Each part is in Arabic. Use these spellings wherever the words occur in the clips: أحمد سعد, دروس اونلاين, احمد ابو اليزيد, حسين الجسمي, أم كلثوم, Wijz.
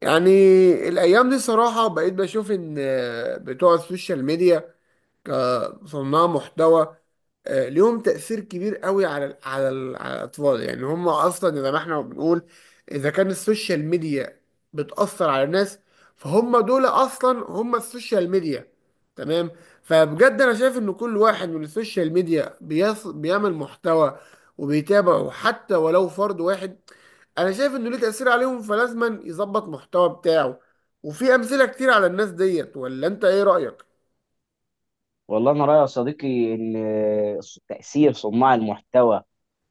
يعني الأيام دي صراحة بقيت بشوف إن بتوع السوشيال ميديا كصناع محتوى ليهم تأثير كبير قوي على الأطفال، يعني هم أصلا زي ما احنا بنقول، إذا كان السوشيال ميديا بتأثر على الناس، فهم دول أصلا هم السوشيال ميديا. تمام. فبجد أنا شايف إن كل واحد من السوشيال ميديا بيعمل محتوى وبيتابعه حتى ولو فرد واحد، أنا شايف إنه ليه تأثير عليهم فلازما يظبط محتوى بتاعه. وفي أمثلة كتير على الناس ديت، ولا أنت إيه رأيك؟ والله انا رايي يا صديقي ان تاثير صناع المحتوى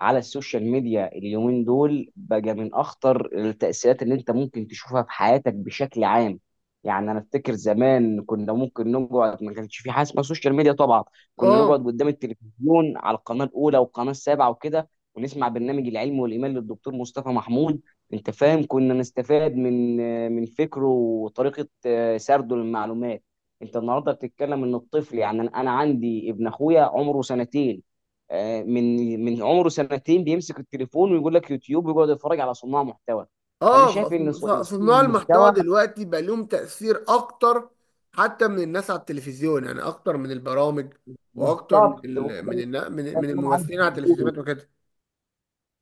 على السوشيال ميديا اليومين دول بقى من اخطر التأثيرات اللي انت ممكن تشوفها في حياتك بشكل عام. يعني انا افتكر زمان كنا ممكن نقعد، ما كانش في حاجه اسمها سوشيال ميديا طبعا. كنا نقعد آه. قدام التلفزيون على القناه الاولى والقناه السابعه وكده، ونسمع برنامج العلم والايمان للدكتور مصطفى محمود. انت فاهم، كنا نستفاد من فكره وطريقه سرده للمعلومات. انت النهارده بتتكلم ان الطفل، يعني انا عندي ابن اخويا عمره سنتين. من عمره سنتين بيمسك التليفون ويقول لك يوتيوب ويقعد يتفرج على صناع محتوى. فانا اه، شايف ان ص- إن صناع صناع المحتوى المحتوى دلوقتي بقى لهم تأثير اكتر حتى من الناس على التلفزيون، يعني اكتر من البرامج واكتر من بالظبط، ال من وده النا- من من اللي أنا عايز الممثلين على أقوله. التلفزيونات وكده.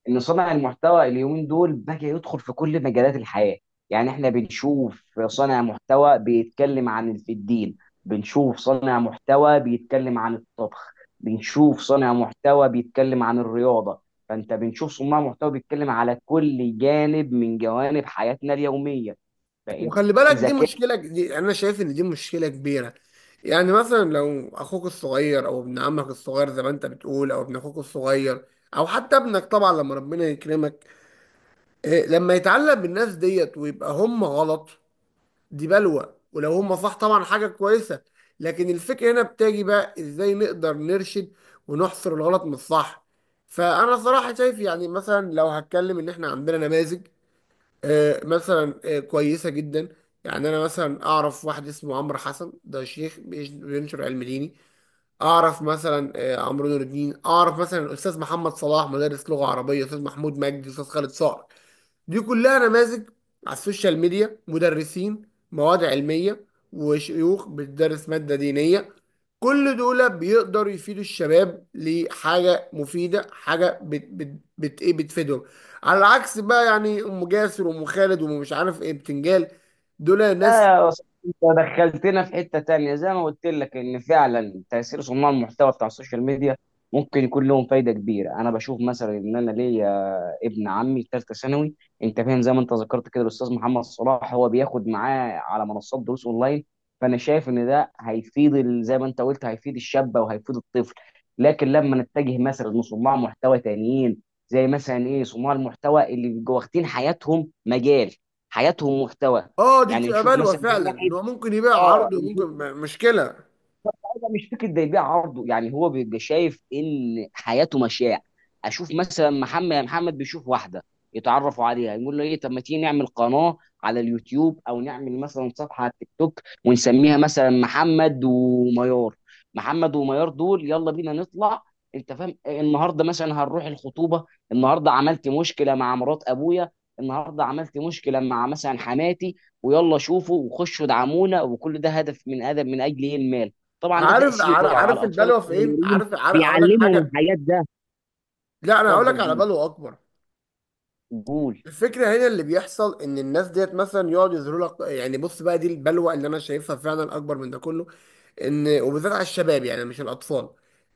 ان صانع المحتوى اليومين دول بقى يدخل في كل مجالات الحياه. يعني احنا بنشوف صانع محتوى بيتكلم في الدين، بنشوف صانع محتوى بيتكلم عن الطبخ، بنشوف صانع محتوى بيتكلم عن الرياضه. فانت بنشوف صناع محتوى بيتكلم على كل جانب من جوانب حياتنا اليوميه. وخلي بالك، فإذا دي انا شايف ان دي مشكلة كبيرة. يعني مثلا لو اخوك الصغير او ابن عمك الصغير زي ما انت بتقول، او ابن اخوك الصغير، او حتى ابنك طبعا لما ربنا يكرمك. لما يتعلق بالناس ديت ويبقى هم غلط دي بلوى، ولو هم صح طبعا حاجة كويسة. لكن الفكرة هنا بتاجي بقى ازاي نقدر نرشد ونحصر الغلط من الصح. فأنا صراحة شايف، يعني مثلا لو هتكلم إن إحنا عندنا نماذج، مثلا كويسة جدا. يعني أنا مثلا أعرف واحد اسمه عمرو حسن، ده شيخ بينشر علم ديني. اعرف مثلا عمرو نور الدين، اعرف مثلا الاستاذ محمد صلاح مدرس لغه عربيه، استاذ محمود مجدي، استاذ خالد صقر. دي كلها نماذج على السوشيال ميديا، مدرسين مواد علميه وشيوخ بتدرس ماده دينيه. كل دول بيقدروا يفيدوا الشباب لحاجه مفيده، حاجه بت بت بت ايه بتفيدهم. على العكس بقى، يعني ام جاسر وام خالد وام مش عارف ايه بتنجال، دول لا ناس. يا صاحبي، انت دخلتنا في حتة تانية. زي ما قلت لك، ان فعلا تأثير صناع المحتوى بتاع السوشيال ميديا ممكن يكون لهم فايدة كبيرة. انا بشوف مثلا ان انا ليا ابن عمي في ثالثة ثانوي، انت فاهم، زي ما انت ذكرت كده الاستاذ محمد صلاح هو بياخد معاه على منصات دروس اونلاين. فانا شايف ان ده هيفيد زي ما انت قلت هيفيد الشابة وهيفيد الطفل. لكن لما نتجه مثلا لصناع محتوى تانيين، زي مثلا ايه، صناع المحتوا اللي بيبقوا واخدين حياتهم مجال، حياتهم محتوى. اه دي يعني بتبقى نشوف بلوى مثلا فعلا، إن واحد، هو ممكن يبقى اه عرض وممكن نشوف، مشكله. انا مش فكره ده يبيع عرضه. يعني هو بيبقى شايف ان حياته مشاع. اشوف مثلا محمد. يعني محمد بيشوف واحده، يتعرفوا عليها، يقول له ايه طب ما تيجي نعمل قناه على اليوتيوب او نعمل مثلا صفحه على التيك توك ونسميها مثلا محمد وميار. محمد وميار دول، يلا بينا نطلع، انت فاهم، النهارده مثلا هنروح الخطوبه، النهارده عملت مشكله مع مرات ابويا، النهارده عملت مشكله مع مثلا حماتي، ويلا شوفوا وخشوا ادعمونا. وكل ده هدف من اجل ايه؟ المال. طبعا ده عارف عارف تأثيره على عارف الأطفال البلوه فين، الصغيرين، عارف عارف، هقول لك بيعلمهم حاجه. الحاجات ده. لا، انا هقول لك اتفضل على قول، بلوه اكبر. قول. الفكره هنا اللي بيحصل ان الناس ديت مثلا يقعد يظهروا لك، يعني بص بقى دي البلوه اللي انا شايفها فعلا اكبر من ده كله. ان وبالذات على الشباب، يعني مش الاطفال.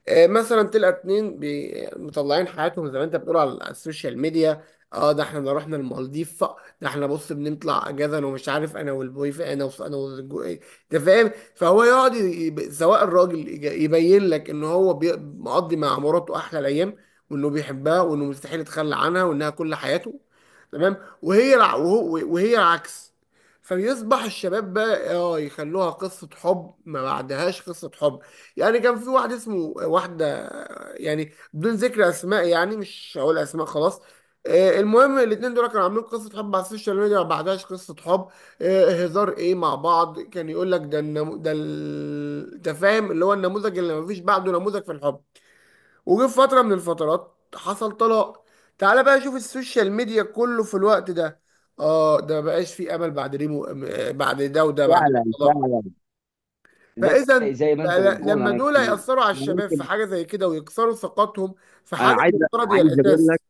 مثلا تلقى اتنين مطلعين حياتهم زي ما انت بتقول على السوشيال ميديا. اه ده احنا رحنا المالديف، ده احنا بص بنطلع اجازه انا ومش عارف انا والبوي، ف- انا وص- انا والجو- إيه، انت فاهم. فهو يقعد سواء الراجل يبين لك ان هو مقضي مع مراته احلى الايام، وانه بيحبها، وانه مستحيل يتخلى عنها، وانها كل حياته. تمام. وهي العكس. فبيصبح الشباب بقى اه يخلوها قصة حب ما بعدهاش قصة حب. يعني كان في واحد اسمه واحدة، يعني بدون ذكر اسماء، يعني مش هقول اسماء خلاص. المهم الاتنين دول كانوا عاملين قصة حب على السوشيال ميديا ما بعدهاش قصة حب. هزار ايه مع بعض، كان يقول لك ده فاهم اللي هو النموذج اللي ما فيش بعده نموذج في الحب. وجه في فترة من الفترات حصل طلاق. تعال بقى شوف السوشيال ميديا كله في الوقت ده. اه ده مبقاش فيه امل بعد ريمو، بعد ده، وده بعد فعلا الطلاق. فعلا، زي فاذا زي ما بقى انت بتقول، لما دول ياثروا على انا الشباب في ممكن، حاجه زي كده ويكسروا ثقتهم في انا حاجه عايز المفترض هي عايز اقول لك، الاساس.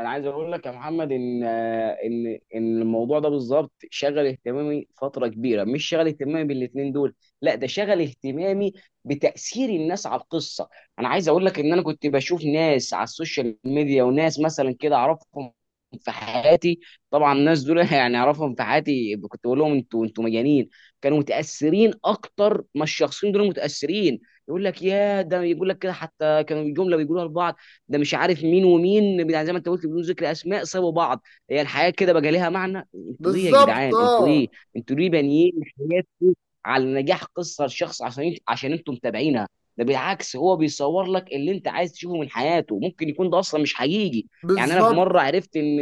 انا عايز اقول لك يا محمد ان الموضوع ده بالظبط شغل اهتمامي فتره كبيره، مش شغل اهتمامي بالاتنين دول، لا ده شغل اهتمامي بتاثير الناس على القصه. انا عايز اقول لك ان انا كنت بشوف ناس على السوشيال ميديا وناس مثلا كده اعرفهم في حياتي. طبعا الناس دول يعني اعرفهم في حياتي، كنت بقول لهم: انتوا مجانين. كانوا متاثرين اكتر ما الشخصين دول متاثرين. يقول لك يا ده، يقول لك كده، حتى كانوا جمله بيقولوها لبعض: ده مش عارف مين ومين بتاع، زي ما انت قلت بدون ذكر اسماء، سابوا بعض، هي الحياه كده بقى ليها معنى؟ انتوا ايه يا بالظبط جدعان؟ انتوا اه. ايه؟ انتوا ليه بانيين حياتكم على نجاح قصه لشخص، عشان انتوا متابعينها؟ ده بالعكس، هو بيصور لك اللي انت عايز تشوفه من حياته، ممكن يكون ده اصلا مش حقيقي. يعني انا في بالظبط. مره عرفت ان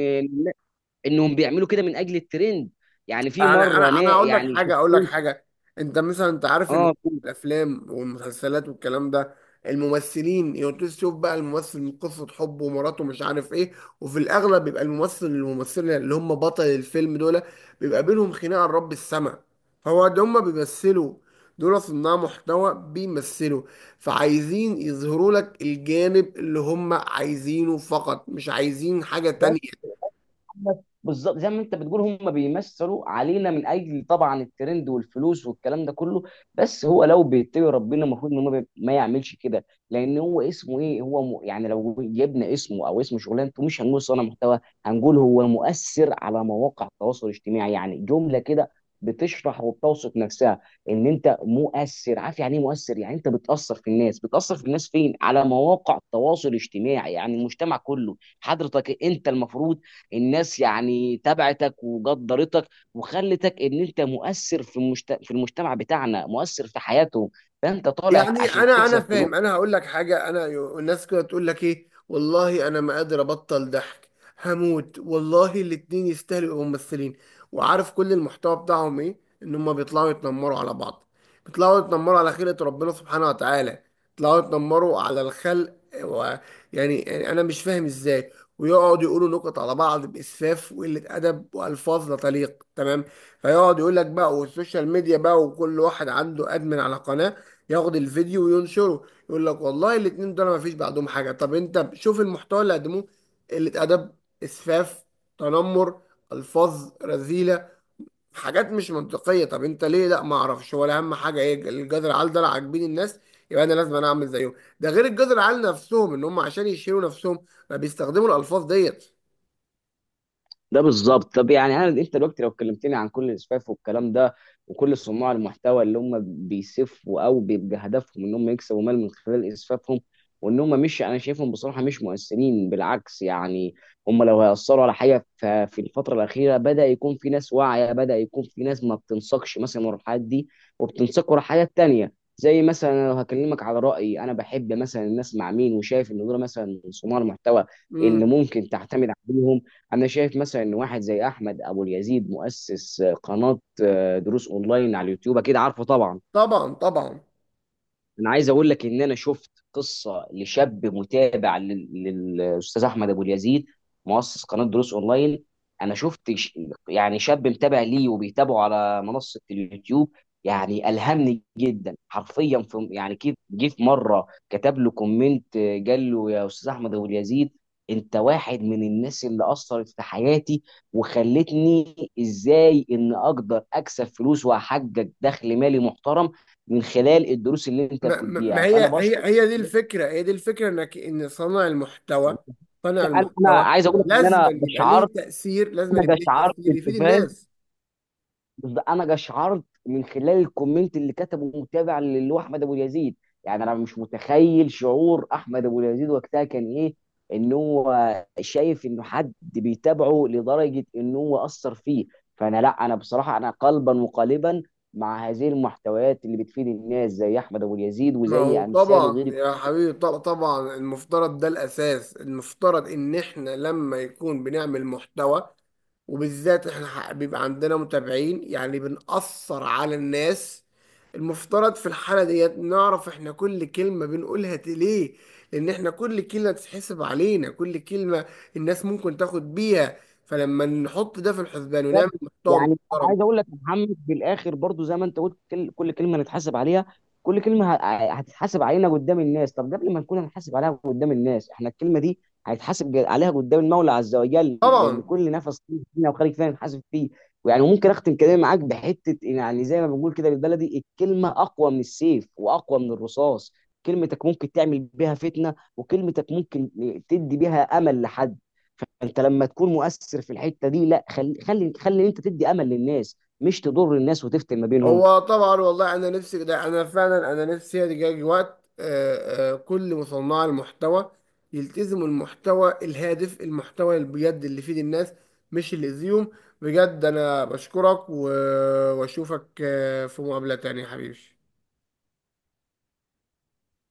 انهم بيعملوا كده من اجل الترند. يعني في يعني مره انا انا انا اقول لك يعني حاجه، اقول لك شفتين، حاجه. انت مثلا انت عارف ان اه الافلام والمسلسلات والكلام ده، الممثلين يقعدوا تشوف بقى الممثل من قصه حبه ومراته مش عارف ايه. وفي الاغلب بيبقى الممثل الممثله اللي هم بطل الفيلم دول بيبقى بينهم خناقه لرب السما. هو ده هم بيمثلوا، دول صناع محتوى بيمثلوا. فعايزين يظهروا لك الجانب اللي هم عايزينه فقط، مش عايزين حاجه بس تانية. بس بالظبط زي ما انت بتقول، هم بيمثلوا علينا من اجل طبعا الترند والفلوس والكلام ده كله. بس هو لو بيتقي ربنا، المفروض ان هو ما يعملش كده، لان هو اسمه ايه، هو يعني لو جبنا اسمه او اسم شغلانته، مش هنقول صانع محتوى، هنقول هو مؤثر على مواقع التواصل الاجتماعي. يعني جمله كده بتشرح وبتوصف نفسها، ان انت مؤثر. عارف يعني ايه مؤثر؟ يعني انت بتاثر في الناس فين على مواقع التواصل الاجتماعي، يعني المجتمع كله. حضرتك انت المفروض الناس يعني تبعتك وقدرتك وخلتك ان انت مؤثر في المجتمع بتاعنا، مؤثر في حياتهم، فانت طالع يعني عشان انا انا تكسب فلوس. فاهم، انا هقول لك حاجه. انا الناس كده تقول لك ايه، والله انا ما قادر ابطل ضحك، هموت والله الاتنين يستاهلوا يبقوا ممثلين. وعارف كل المحتوى بتاعهم ايه، ان هم بيطلعوا يتنمروا على بعض، بيطلعوا يتنمروا على خلقة ربنا سبحانه وتعالى، بيطلعوا يتنمروا على الخلق. و... يعني انا مش فاهم ازاي. ويقعد يقولوا نكت على بعض باسفاف وقله ادب والفاظ لا تليق. تمام. فيقعد يقول لك بقى، والسوشيال ميديا بقى وكل واحد عنده ادمن على قناه ياخد الفيديو وينشره، يقول لك والله الاتنين دول ما فيش بعدهم حاجه. طب انت شوف المحتوى اللي قدموه، قله ادب، اسفاف، تنمر، الفاظ رذيله، حاجات مش منطقيه. طب انت ليه؟ لا ما اعرفش، ولا اهم حاجه ايه، الجذر العال ده لا عاجبين الناس، يبقى انا لازم انا اعمل زيهم. ده غير الجذر العال نفسهم ان هم عشان يشيلوا نفسهم ما بيستخدموا الالفاظ ديت. ده بالظبط. طب يعني انت دلوقتي لو كلمتني عن كل الاسفاف والكلام ده، وكل صناع المحتوى اللي هم بيسفوا او بيبقى هدفهم ان هم يكسبوا مال من خلال اسفافهم، وان هم مش، انا شايفهم بصراحه مش مؤثرين، بالعكس يعني. هم لو هيأثروا على حاجه، في الفتره الاخيره بدا يكون في ناس واعيه، بدا يكون في ناس ما بتنساقش مثلا ورا الحاجات دي، وبتنساق ورا حاجات تانيه. زي مثلا أنا لو هكلمك على رأيي، انا بحب مثلا الناس مع مين، وشايف ان دول مثلا صناع المحتوى اللي امم ممكن تعتمد عليهم. انا شايف مثلا ان واحد زي احمد ابو اليزيد مؤسس قناه دروس اونلاين على اليوتيوب، اكيد عارفه طبعا. طبعا طبعا. انا عايز اقول لك ان انا شفت قصه لشاب متابع للاستاذ احمد ابو اليزيد، مؤسس قناه دروس اونلاين. انا شفت يعني شاب متابع ليه وبيتابعه على منصه اليوتيوب. يعني الهمني جدا حرفيا. في يعني كيف جه في مره كتب له كومنت، قال له: يا استاذ احمد ابو اليزيد، انت واحد من الناس اللي اثرت في حياتي وخلتني ازاي ان اقدر اكسب فلوس واحقق دخل مالي محترم من خلال الدروس اللي انت ما, ما ما بتديها، هي فانا هي بشكر. هي دي الفكرة، هي دي الفكرة، انك ان صانع المحتوى، صانع انا المحتوى عايز اقول لك ان لازم انا يبقى قشعرت، ليه تأثير، انا قشعرت، يفيد انت فاهم، الناس. بس انا قشعرت من خلال الكومنت اللي كتبه متابع اللي هو احمد ابو اليزيد. يعني انا مش متخيل شعور احمد ابو اليزيد وقتها كان ايه، ان هو شايف انه حد بيتابعه لدرجه ان هو اثر فيه. لا، انا بصراحه انا قلبا وقالبا مع هذه المحتويات اللي بتفيد الناس زي احمد ابو اليزيد ما وزي هو امثاله، طبعا غير يا حبيبي، طبعا المفترض ده الأساس. المفترض إن إحنا لما يكون بنعمل محتوى، وبالذات إحنا بيبقى عندنا متابعين، يعني بنأثر على الناس، المفترض في الحالة ديت نعرف إحنا كل كلمة بنقولها ليه. لأن إحنا كل كلمة تتحسب علينا، كل كلمة الناس ممكن تاخد بيها، فلما نحط ده في الحسبان ونعمل بالظبط. محتوى يعني انا محترم. عايز اقول لك يا محمد في الاخر برضو، زي ما انت قلت، كل كلمه نتحاسب عليها، كل كلمه هتتحاسب علينا قدام الناس. طب قبل ما نكون هنحاسب عليها قدام الناس، احنا الكلمه دي هيتحاسب عليها قدام المولى عز وجل، لان طبعا. كل نفس فينا وخارج فينا نحاسب فيه. ويعني ممكن اختم كلامي معاك بحته: يعني زي ما بنقول كده بالبلدي، الكلمه اقوى من السيف واقوى من الرصاص. كلمتك ممكن تعمل بيها فتنه، وكلمتك ممكن تدي بيها امل لحد. فانت لما تكون مؤثر في الحته دي، لا، خلي خلي خلي انت تدي امل للناس مش تضر الناس وتفتن ما بينهم. هو طبعا والله انا نفسي ده، انا فعلا انا نفسي يجي وقت كل مصنع المحتوى يلتزموا المحتوى الهادف، المحتوى اللي بجد اللي يفيد الناس مش اللي يأذيهم. بجد انا بشكرك واشوفك في مقابلة تانية يا حبيبي.